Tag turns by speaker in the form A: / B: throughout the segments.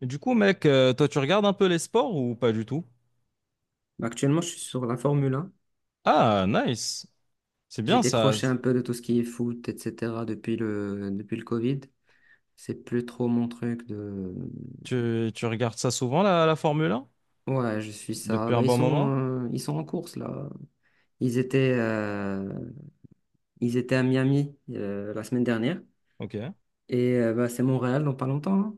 A: Et du coup, mec, toi, tu regardes un peu les sports ou pas du tout?
B: Actuellement, je suis sur la Formule 1.
A: Ah, nice. C'est
B: J'ai
A: bien ça.
B: décroché un peu de tout ce qui est foot, etc. depuis le Covid. C'est plus trop mon truc de.
A: Tu regardes ça souvent, la Formule 1?
B: Ouais, je suis ça.
A: Depuis un
B: Bah, ils
A: bon
B: sont,
A: moment?
B: euh, ils sont en course, là. Ils étaient, euh, ils étaient à Miami la semaine dernière.
A: Ok.
B: Bah, c'est Montréal dans pas longtemps, hein.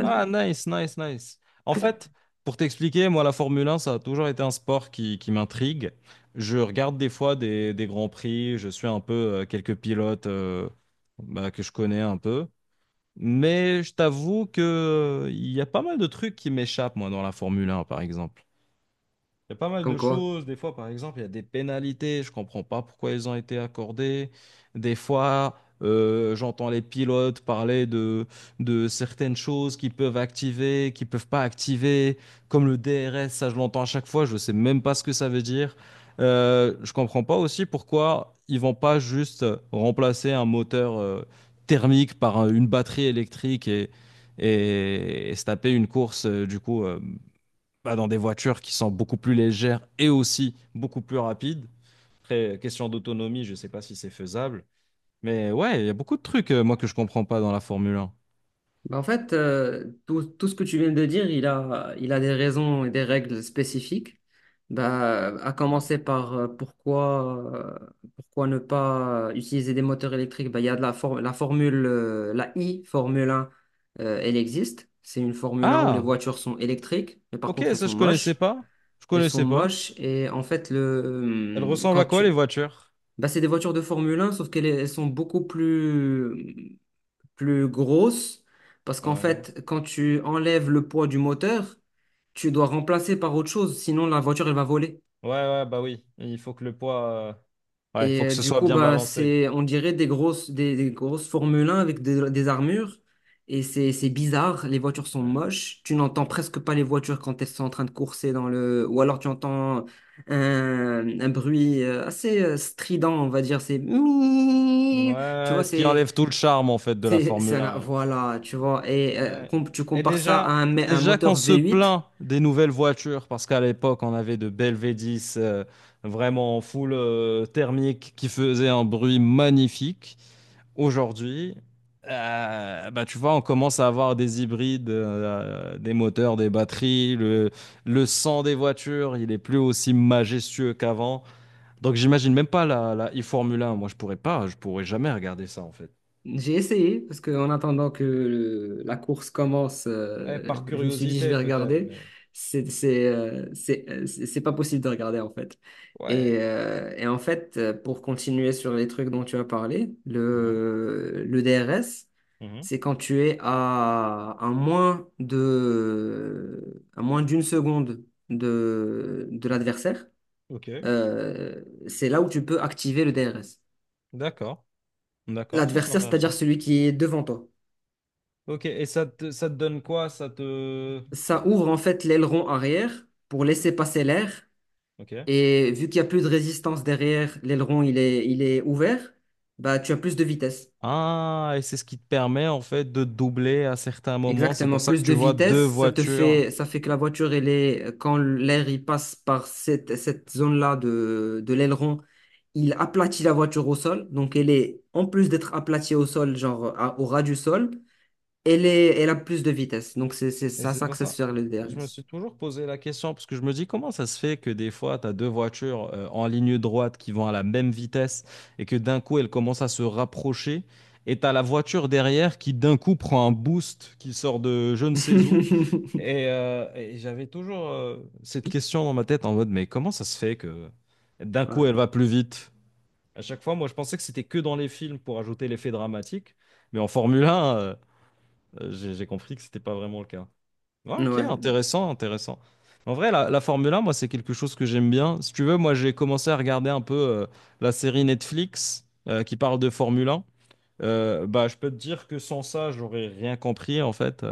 A: Ah, nice, nice, nice. En fait, pour t'expliquer, moi, la Formule 1, ça a toujours été un sport qui m'intrigue. Je regarde des fois des grands prix, je suis un peu quelques pilotes bah, que je connais un peu. Mais je t'avoue que il y a pas mal de trucs qui m'échappent, moi, dans la Formule 1, par exemple. Il y a pas mal
B: Comme
A: de
B: quoi.
A: choses. Des fois, par exemple, il y a des pénalités. Je comprends pas pourquoi elles ont été accordées. Des fois, j'entends les pilotes parler de certaines choses qu'ils peuvent activer, qu'ils peuvent pas activer, comme le DRS. Ça, je l'entends à chaque fois. Je sais même pas ce que ça veut dire. Je comprends pas aussi pourquoi ils vont pas juste remplacer un moteur, thermique par une batterie électrique et se taper une course, bah, dans des voitures qui sont beaucoup plus légères et aussi beaucoup plus rapides. Après, question d'autonomie, je ne sais pas si c'est faisable. Mais ouais, il y a beaucoup de trucs, moi, que je comprends pas dans la Formule 1.
B: Bah, en fait, tout ce que tu viens de dire, il a des raisons et des règles spécifiques. Bah, à
A: Ouais.
B: commencer par pourquoi ne pas utiliser des moteurs électriques. Bah, il y a de la, for- la formule, la I, Formule 1, elle existe. C'est une Formule 1 où les
A: Ah,
B: voitures sont électriques, mais par
A: ok,
B: contre, elles
A: ça,
B: sont
A: je connaissais
B: moches.
A: pas. Je
B: Elles sont
A: connaissais pas.
B: moches et en fait,
A: Elles ressemblent à
B: quand
A: quoi, les
B: tu.
A: voitures?
B: Bah, c'est des voitures de Formule 1, sauf qu'elles elles sont beaucoup plus grosse parce qu'en
A: Ouais,
B: fait, quand tu enlèves le poids du moteur, tu dois remplacer par autre chose, sinon la voiture elle va voler.
A: ouais, ouais, bah oui. Il faut que le poids. Ouais, il faut que ce
B: Du
A: soit
B: coup,
A: bien
B: bah,
A: balancé.
B: c'est, on dirait des grosses Formule 1 avec des armures. Et c'est bizarre, les voitures sont
A: Ouais.
B: moches. Tu n'entends presque pas les voitures quand elles sont en train de courser dans le. Ou alors tu entends un bruit assez strident, on va dire. C'est. Mi Tu
A: Ouais,
B: vois,
A: ce qui
B: c'est.
A: enlève tout le charme, en fait, de la Formule 1.
B: Voilà, tu vois, et
A: Ouais.
B: tu
A: Et
B: compares ça à
A: déjà,
B: un, mé- un
A: déjà qu'on
B: moteur
A: se
B: V8.
A: plaint des nouvelles voitures, parce qu'à l'époque, on avait de belles V10 vraiment en full thermique qui faisaient un bruit magnifique. Aujourd'hui, bah, tu vois, on commence à avoir des hybrides, des moteurs, des batteries. Le sang des voitures, il est plus aussi majestueux qu'avant. Donc, j'imagine même pas la e-Formule 1. Moi, je pourrais pas, je pourrais jamais regarder ça, en fait.
B: J'ai essayé, parce que en attendant que la course commence,
A: Ouais, par
B: je me suis dit, je
A: curiosité,
B: vais
A: peut-être,
B: regarder.
A: mais
B: C'est pas possible de regarder, en fait. Et,
A: ouais.
B: euh, et en fait, pour continuer sur les trucs dont tu as parlé, le DRS,
A: Mhm.
B: c'est quand tu es à à moins d'une seconde de l'adversaire.
A: Ok,
B: C'est là où tu peux activer le DRS.
A: d'accord, d'accord, ça c'est
B: L'adversaire, c'est-à-dire
A: intéressant.
B: celui qui est devant toi.
A: Ok, et ça te donne quoi? Ça te...
B: Ça ouvre en fait l'aileron arrière pour laisser passer l'air.
A: Ok.
B: Et vu qu'il n'y a plus de résistance derrière, l'aileron il est ouvert, bah tu as plus de vitesse.
A: Ah, et c'est ce qui te permet en fait de doubler à certains moments. C'est
B: Exactement,
A: pour ça que
B: plus
A: tu
B: de
A: vois deux
B: vitesse,
A: voitures.
B: ça fait que la voiture, quand l'air il passe par cette zone-là de l'aileron, il aplatit la voiture au sol. Donc elle est, en plus d'être aplatie au sol, genre au ras du sol, elle a plus de vitesse. Donc,
A: Et
B: ça
A: c'est pour
B: s'axe
A: ça.
B: sur le
A: Je me
B: DRS.
A: suis toujours posé la question parce que je me dis comment ça se fait que des fois tu as deux voitures en ligne droite qui vont à la même vitesse et que d'un coup elles commencent à se rapprocher et tu as la voiture derrière qui d'un coup prend un boost qui sort de je ne sais où. Et j'avais toujours cette question dans ma tête en mode, mais comment ça se fait que d'un coup
B: Ouais.
A: elle va plus vite? À chaque fois, moi je pensais que c'était que dans les films pour ajouter l'effet dramatique, mais en Formule 1, j'ai compris que c'était pas vraiment le cas. Ouais, ok,
B: Ouais.
A: intéressant, intéressant. En vrai, la Formule 1, moi c'est quelque chose que j'aime bien. Si tu veux, moi j'ai commencé à regarder un peu la série Netflix qui parle de Formule 1. Bah, je peux te dire que sans ça, j'aurais rien compris en fait.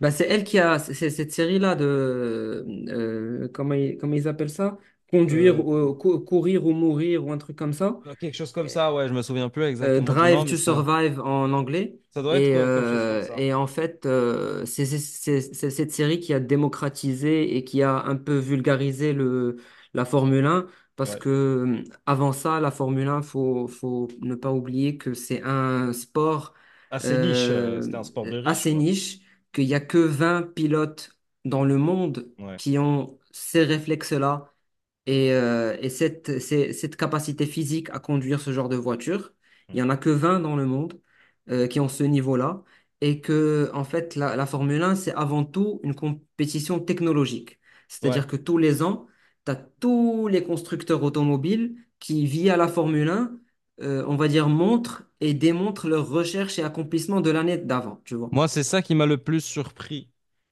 B: Bah, c'est elle c'est cette série-là de. Comment ils appellent ça?
A: Euh,
B: Courir ou mourir ou un truc comme ça.
A: Quelque chose comme ça, ouais, je me souviens plus exactement du nom,
B: Drive
A: mais
B: to Survive en anglais.
A: ça doit être
B: Et,
A: comme chose comme
B: euh,
A: ça.
B: et en fait, c'est cette série qui a démocratisé et qui a un peu vulgarisé la Formule 1. Parce
A: Ouais.
B: que avant ça, la Formule 1, faut ne pas oublier que c'est un sport
A: Assez niche,
B: euh,
A: c'était un sport de riche,
B: assez
A: quoi.
B: niche, qu'il n'y a que 20 pilotes dans le monde
A: Ouais.
B: qui ont ces réflexes-là et, cette capacité physique à conduire ce genre de voiture, il
A: Mm.
B: n'y en a que 20 dans le monde qui ont ce niveau-là. Et que, en fait, la Formule 1, c'est avant tout une compétition technologique. C'est-à-dire
A: Ouais.
B: que tous les ans, tu as tous les constructeurs automobiles qui, via la Formule 1, on va dire, montrent et démontrent leurs recherches et accomplissements de l'année d'avant, tu vois.
A: Moi, c'est ça qui m'a le plus surpris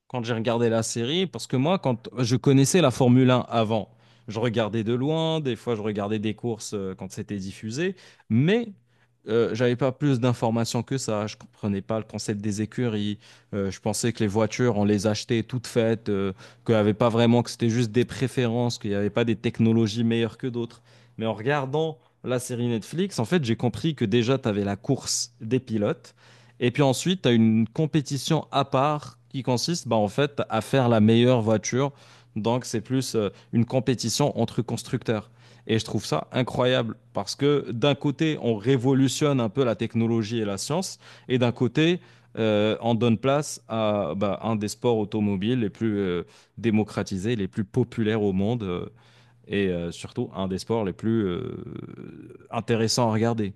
A: quand j'ai regardé la série, parce que moi, quand je connaissais la Formule 1 avant, je regardais de loin, des fois je regardais des courses quand c'était diffusé, mais j'avais pas plus d'informations que ça. Je comprenais pas le concept des écuries. Je pensais que les voitures, on les achetait toutes faites, qu'il y avait pas vraiment, que c'était juste des préférences, qu'il n'y avait pas des technologies meilleures que d'autres. Mais en regardant la série Netflix, en fait, j'ai compris que déjà, tu avais la course des pilotes. Et puis ensuite, tu as une compétition à part qui consiste bah, en fait à faire la meilleure voiture. Donc c'est plus une compétition entre constructeurs. Et je trouve ça incroyable parce que d'un côté, on révolutionne un peu la technologie et la science, et d'un côté, on donne place à bah, un des sports automobiles les plus démocratisés, les plus populaires au monde, et surtout un des sports les plus intéressants à regarder.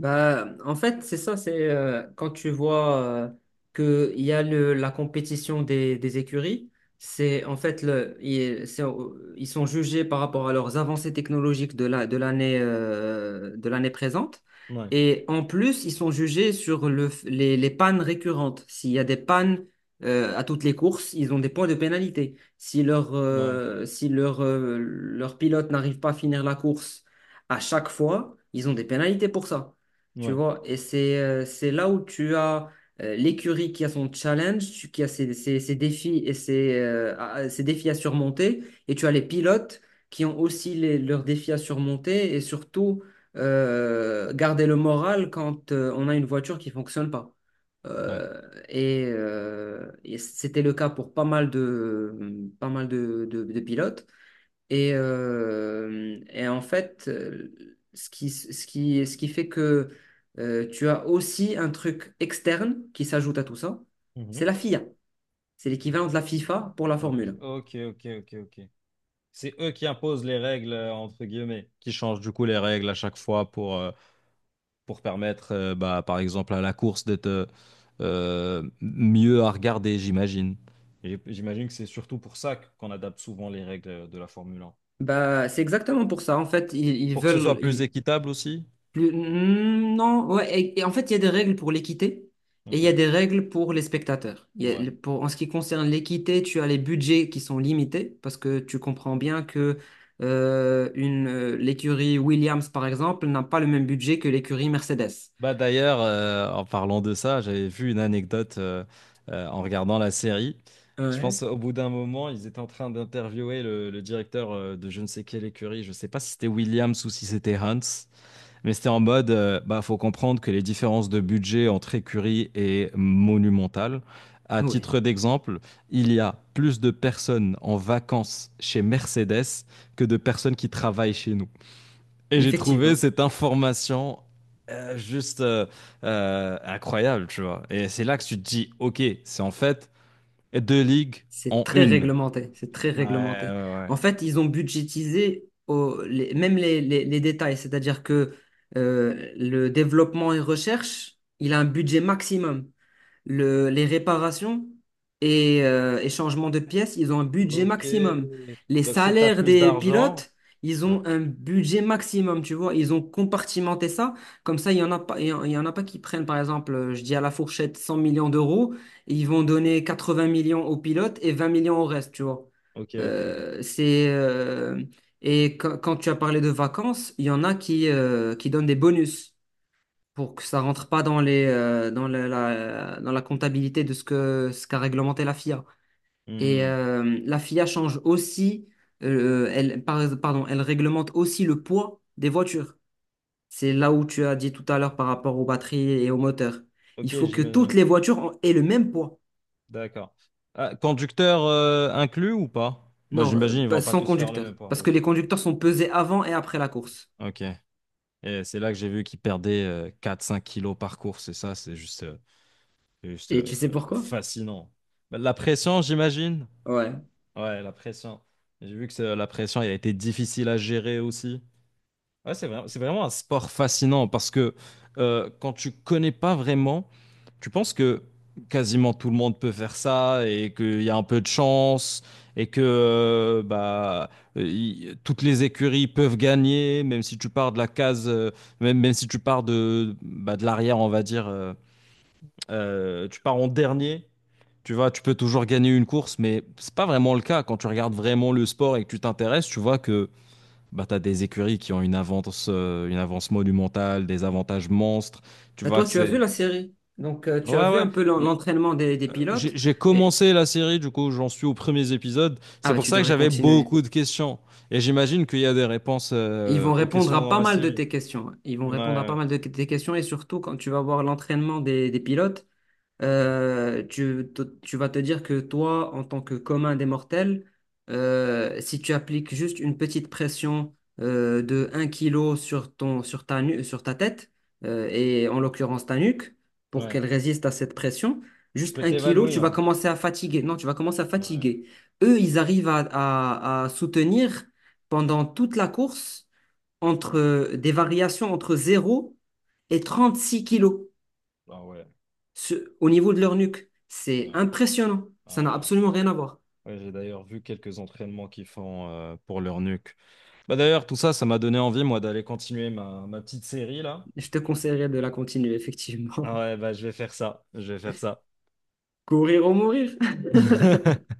B: Bah, en fait, c'est ça, c'est quand tu vois qu'il y a la compétition des écuries, c'est en fait, ils sont jugés par rapport à leurs avancées technologiques de l'année présente.
A: Ouais,
B: Et en plus, ils sont jugés sur les pannes récurrentes. S'il y a des pannes à toutes les courses, ils ont des points de pénalité. Si leur,
A: ouais,
B: euh, si leur, euh, leur pilote n'arrive pas à finir la course à chaque fois, ils ont des pénalités pour ça. Tu
A: ouais.
B: vois, et c'est là où tu as l'écurie qui a son challenge, qui a ses défis et ses défis à surmonter, et tu as les pilotes qui ont aussi leurs défis à surmonter, et surtout garder le moral quand on a une voiture qui fonctionne pas.
A: Ouais.
B: Euh, et c'était le cas pour pas mal de pilotes. Et en fait, ce qui fait que tu as aussi un truc externe qui s'ajoute à tout ça,
A: Mhm.
B: c'est la FIA. C'est l'équivalent de la FIFA pour la
A: Ok,
B: Formule 1.
A: ok, ok, ok, ok. C'est eux qui imposent les règles, entre guillemets, qui changent du coup les règles à chaque fois pour permettre, bah, par exemple, à la course d'être mieux à regarder, j'imagine. Et j'imagine que c'est surtout pour ça qu'on adapte souvent les règles de la Formule 1.
B: Bah, c'est exactement pour ça. En fait, ils
A: Pour que ce soit
B: veulent,
A: plus
B: ils,
A: équitable aussi.
B: Non, ouais, et en fait, il y a des règles pour l'équité et il
A: Ok,
B: y a des règles pour les spectateurs. Il y a
A: ouais.
B: le- pour, En ce qui concerne l'équité, tu as les budgets qui sont limités parce que tu comprends bien que l'écurie Williams, par exemple, n'a pas le même budget que l'écurie Mercedes.
A: Bah d'ailleurs, en parlant de ça, j'avais vu une anecdote en regardant la série. Je
B: Ouais.
A: pense au bout d'un moment, ils étaient en train d'interviewer le directeur de je ne sais quelle écurie. Je ne sais pas si c'était Williams ou si c'était Hans, mais c'était en mode, bah faut comprendre que les différences de budget entre écuries est monumentale. À
B: Oui,
A: titre d'exemple, il y a plus de personnes en vacances chez Mercedes que de personnes qui travaillent chez nous. Et j'ai trouvé
B: effectivement.
A: cette information juste incroyable, tu vois. Et c'est là que tu te dis, ok, c'est en fait deux ligues
B: C'est
A: en
B: très
A: une.
B: réglementé, c'est très
A: Ouais,
B: réglementé.
A: ouais,
B: En fait, ils ont budgétisé même les détails, c'est-à-dire que le développement et recherche, il a un budget maximum. Les réparations et changements de pièces, ils ont un
A: ouais.
B: budget
A: Ok.
B: maximum. Les
A: Donc si t'as
B: salaires
A: plus
B: des
A: d'argent.
B: pilotes, ils
A: Ouais.
B: ont un budget maximum, tu vois. Ils ont compartimenté ça. Comme ça, il y en a pas, il y en a pas qui prennent, par exemple, je dis à la fourchette 100 millions d'euros, et ils vont donner 80 millions aux pilotes et 20 millions au reste, tu vois.
A: Ok, ok, ok.
B: Euh, c'est, euh, et quand tu as parlé de vacances, il y en a qui donnent des bonus pour que ça rentre pas dans les dans la, la- dans la comptabilité de ce qu'a réglementé la FIA.
A: Hmm.
B: La FIA change aussi pardon, elle réglemente aussi le poids des voitures. C'est là où tu as dit tout à l'heure par rapport aux batteries et aux moteurs. Il
A: Ok,
B: faut que toutes
A: j'imagine.
B: les voitures aient le même poids.
A: D'accord. Ah, conducteur inclus ou pas? Bah,
B: Non, euh,
A: j'imagine ils
B: pas-
A: vont pas
B: sans
A: tous faire le même
B: conducteur.
A: poids.
B: Parce que
A: Ok.
B: les conducteurs sont pesés avant et après la course.
A: Ok. Et c'est là que j'ai vu qu'ils perdaient 4-5 kilos par course. Et ça, c'est juste. euh, C'est juste
B: Et
A: euh,
B: tu sais pourquoi?
A: fascinant. La pression, j'imagine.
B: Ouais.
A: Ouais, la pression. J'ai vu que c'est- la pression, elle a été difficile à gérer aussi. Ouais, c'est vraiment un sport fascinant parce que quand tu connais pas vraiment, tu penses que quasiment tout le monde peut faire ça et qu'il y a un peu de chance et que toutes les écuries peuvent gagner, même si tu pars de la case, même si tu pars de, bah, de l'arrière, on va dire, tu pars en dernier, tu vois, tu peux toujours gagner une course, mais c'est pas vraiment le cas. Quand tu regardes vraiment le sport et que tu t'intéresses, tu vois que bah, tu as des écuries qui ont une avance monumentale, des avantages monstres. Tu
B: Bah,
A: vois
B: toi,
A: que
B: tu as
A: c'est.
B: vu la série. Donc, tu as
A: Ouais,
B: vu
A: ouais.
B: un peu
A: Mais,
B: l'entraînement des
A: j'ai
B: pilotes.
A: j'ai
B: Et,
A: commencé la série, du coup, j'en suis aux premiers épisodes.
B: ah,
A: C'est
B: bah,
A: pour
B: tu
A: ça que
B: devrais
A: j'avais
B: continuer.
A: beaucoup de questions. Et j'imagine qu'il y a des réponses,
B: Ils vont
A: aux
B: répondre
A: questions
B: à
A: dans
B: pas
A: la
B: mal de
A: série.
B: tes questions. Ils vont
A: Ouais,
B: répondre à pas
A: ouais.
B: mal de tes questions et surtout quand tu vas voir l'entraînement des pilotes, tu vas te dire que toi, en tant que commun des mortels, si tu appliques juste une petite pression de 1 kilo sur ton, sur ta, nu- sur ta tête, et en l'occurrence ta nuque, pour
A: Ouais.
B: qu'elle résiste à cette pression,
A: Tu
B: juste
A: peux
B: 1 kilo, tu vas
A: t'évanouir.
B: commencer à fatiguer. Non, tu vas commencer à
A: Ouais.
B: fatiguer. Eux, ils arrivent à soutenir pendant toute la course entre des variations entre 0 et 36 kilos.
A: Ah ouais.
B: Au niveau de leur nuque,
A: Ouais.
B: c'est impressionnant. Ça n'a
A: Ouais.
B: absolument rien à voir.
A: Ouais, j'ai d'ailleurs vu quelques entraînements qu'ils font pour leur nuque. Bah d'ailleurs, tout ça, ça m'a donné envie, moi, d'aller continuer ma petite série là.
B: Je te conseillerais de la continuer, effectivement.
A: Ah ouais, bah je vais faire ça. Je vais faire ça.
B: Courir ou mourir.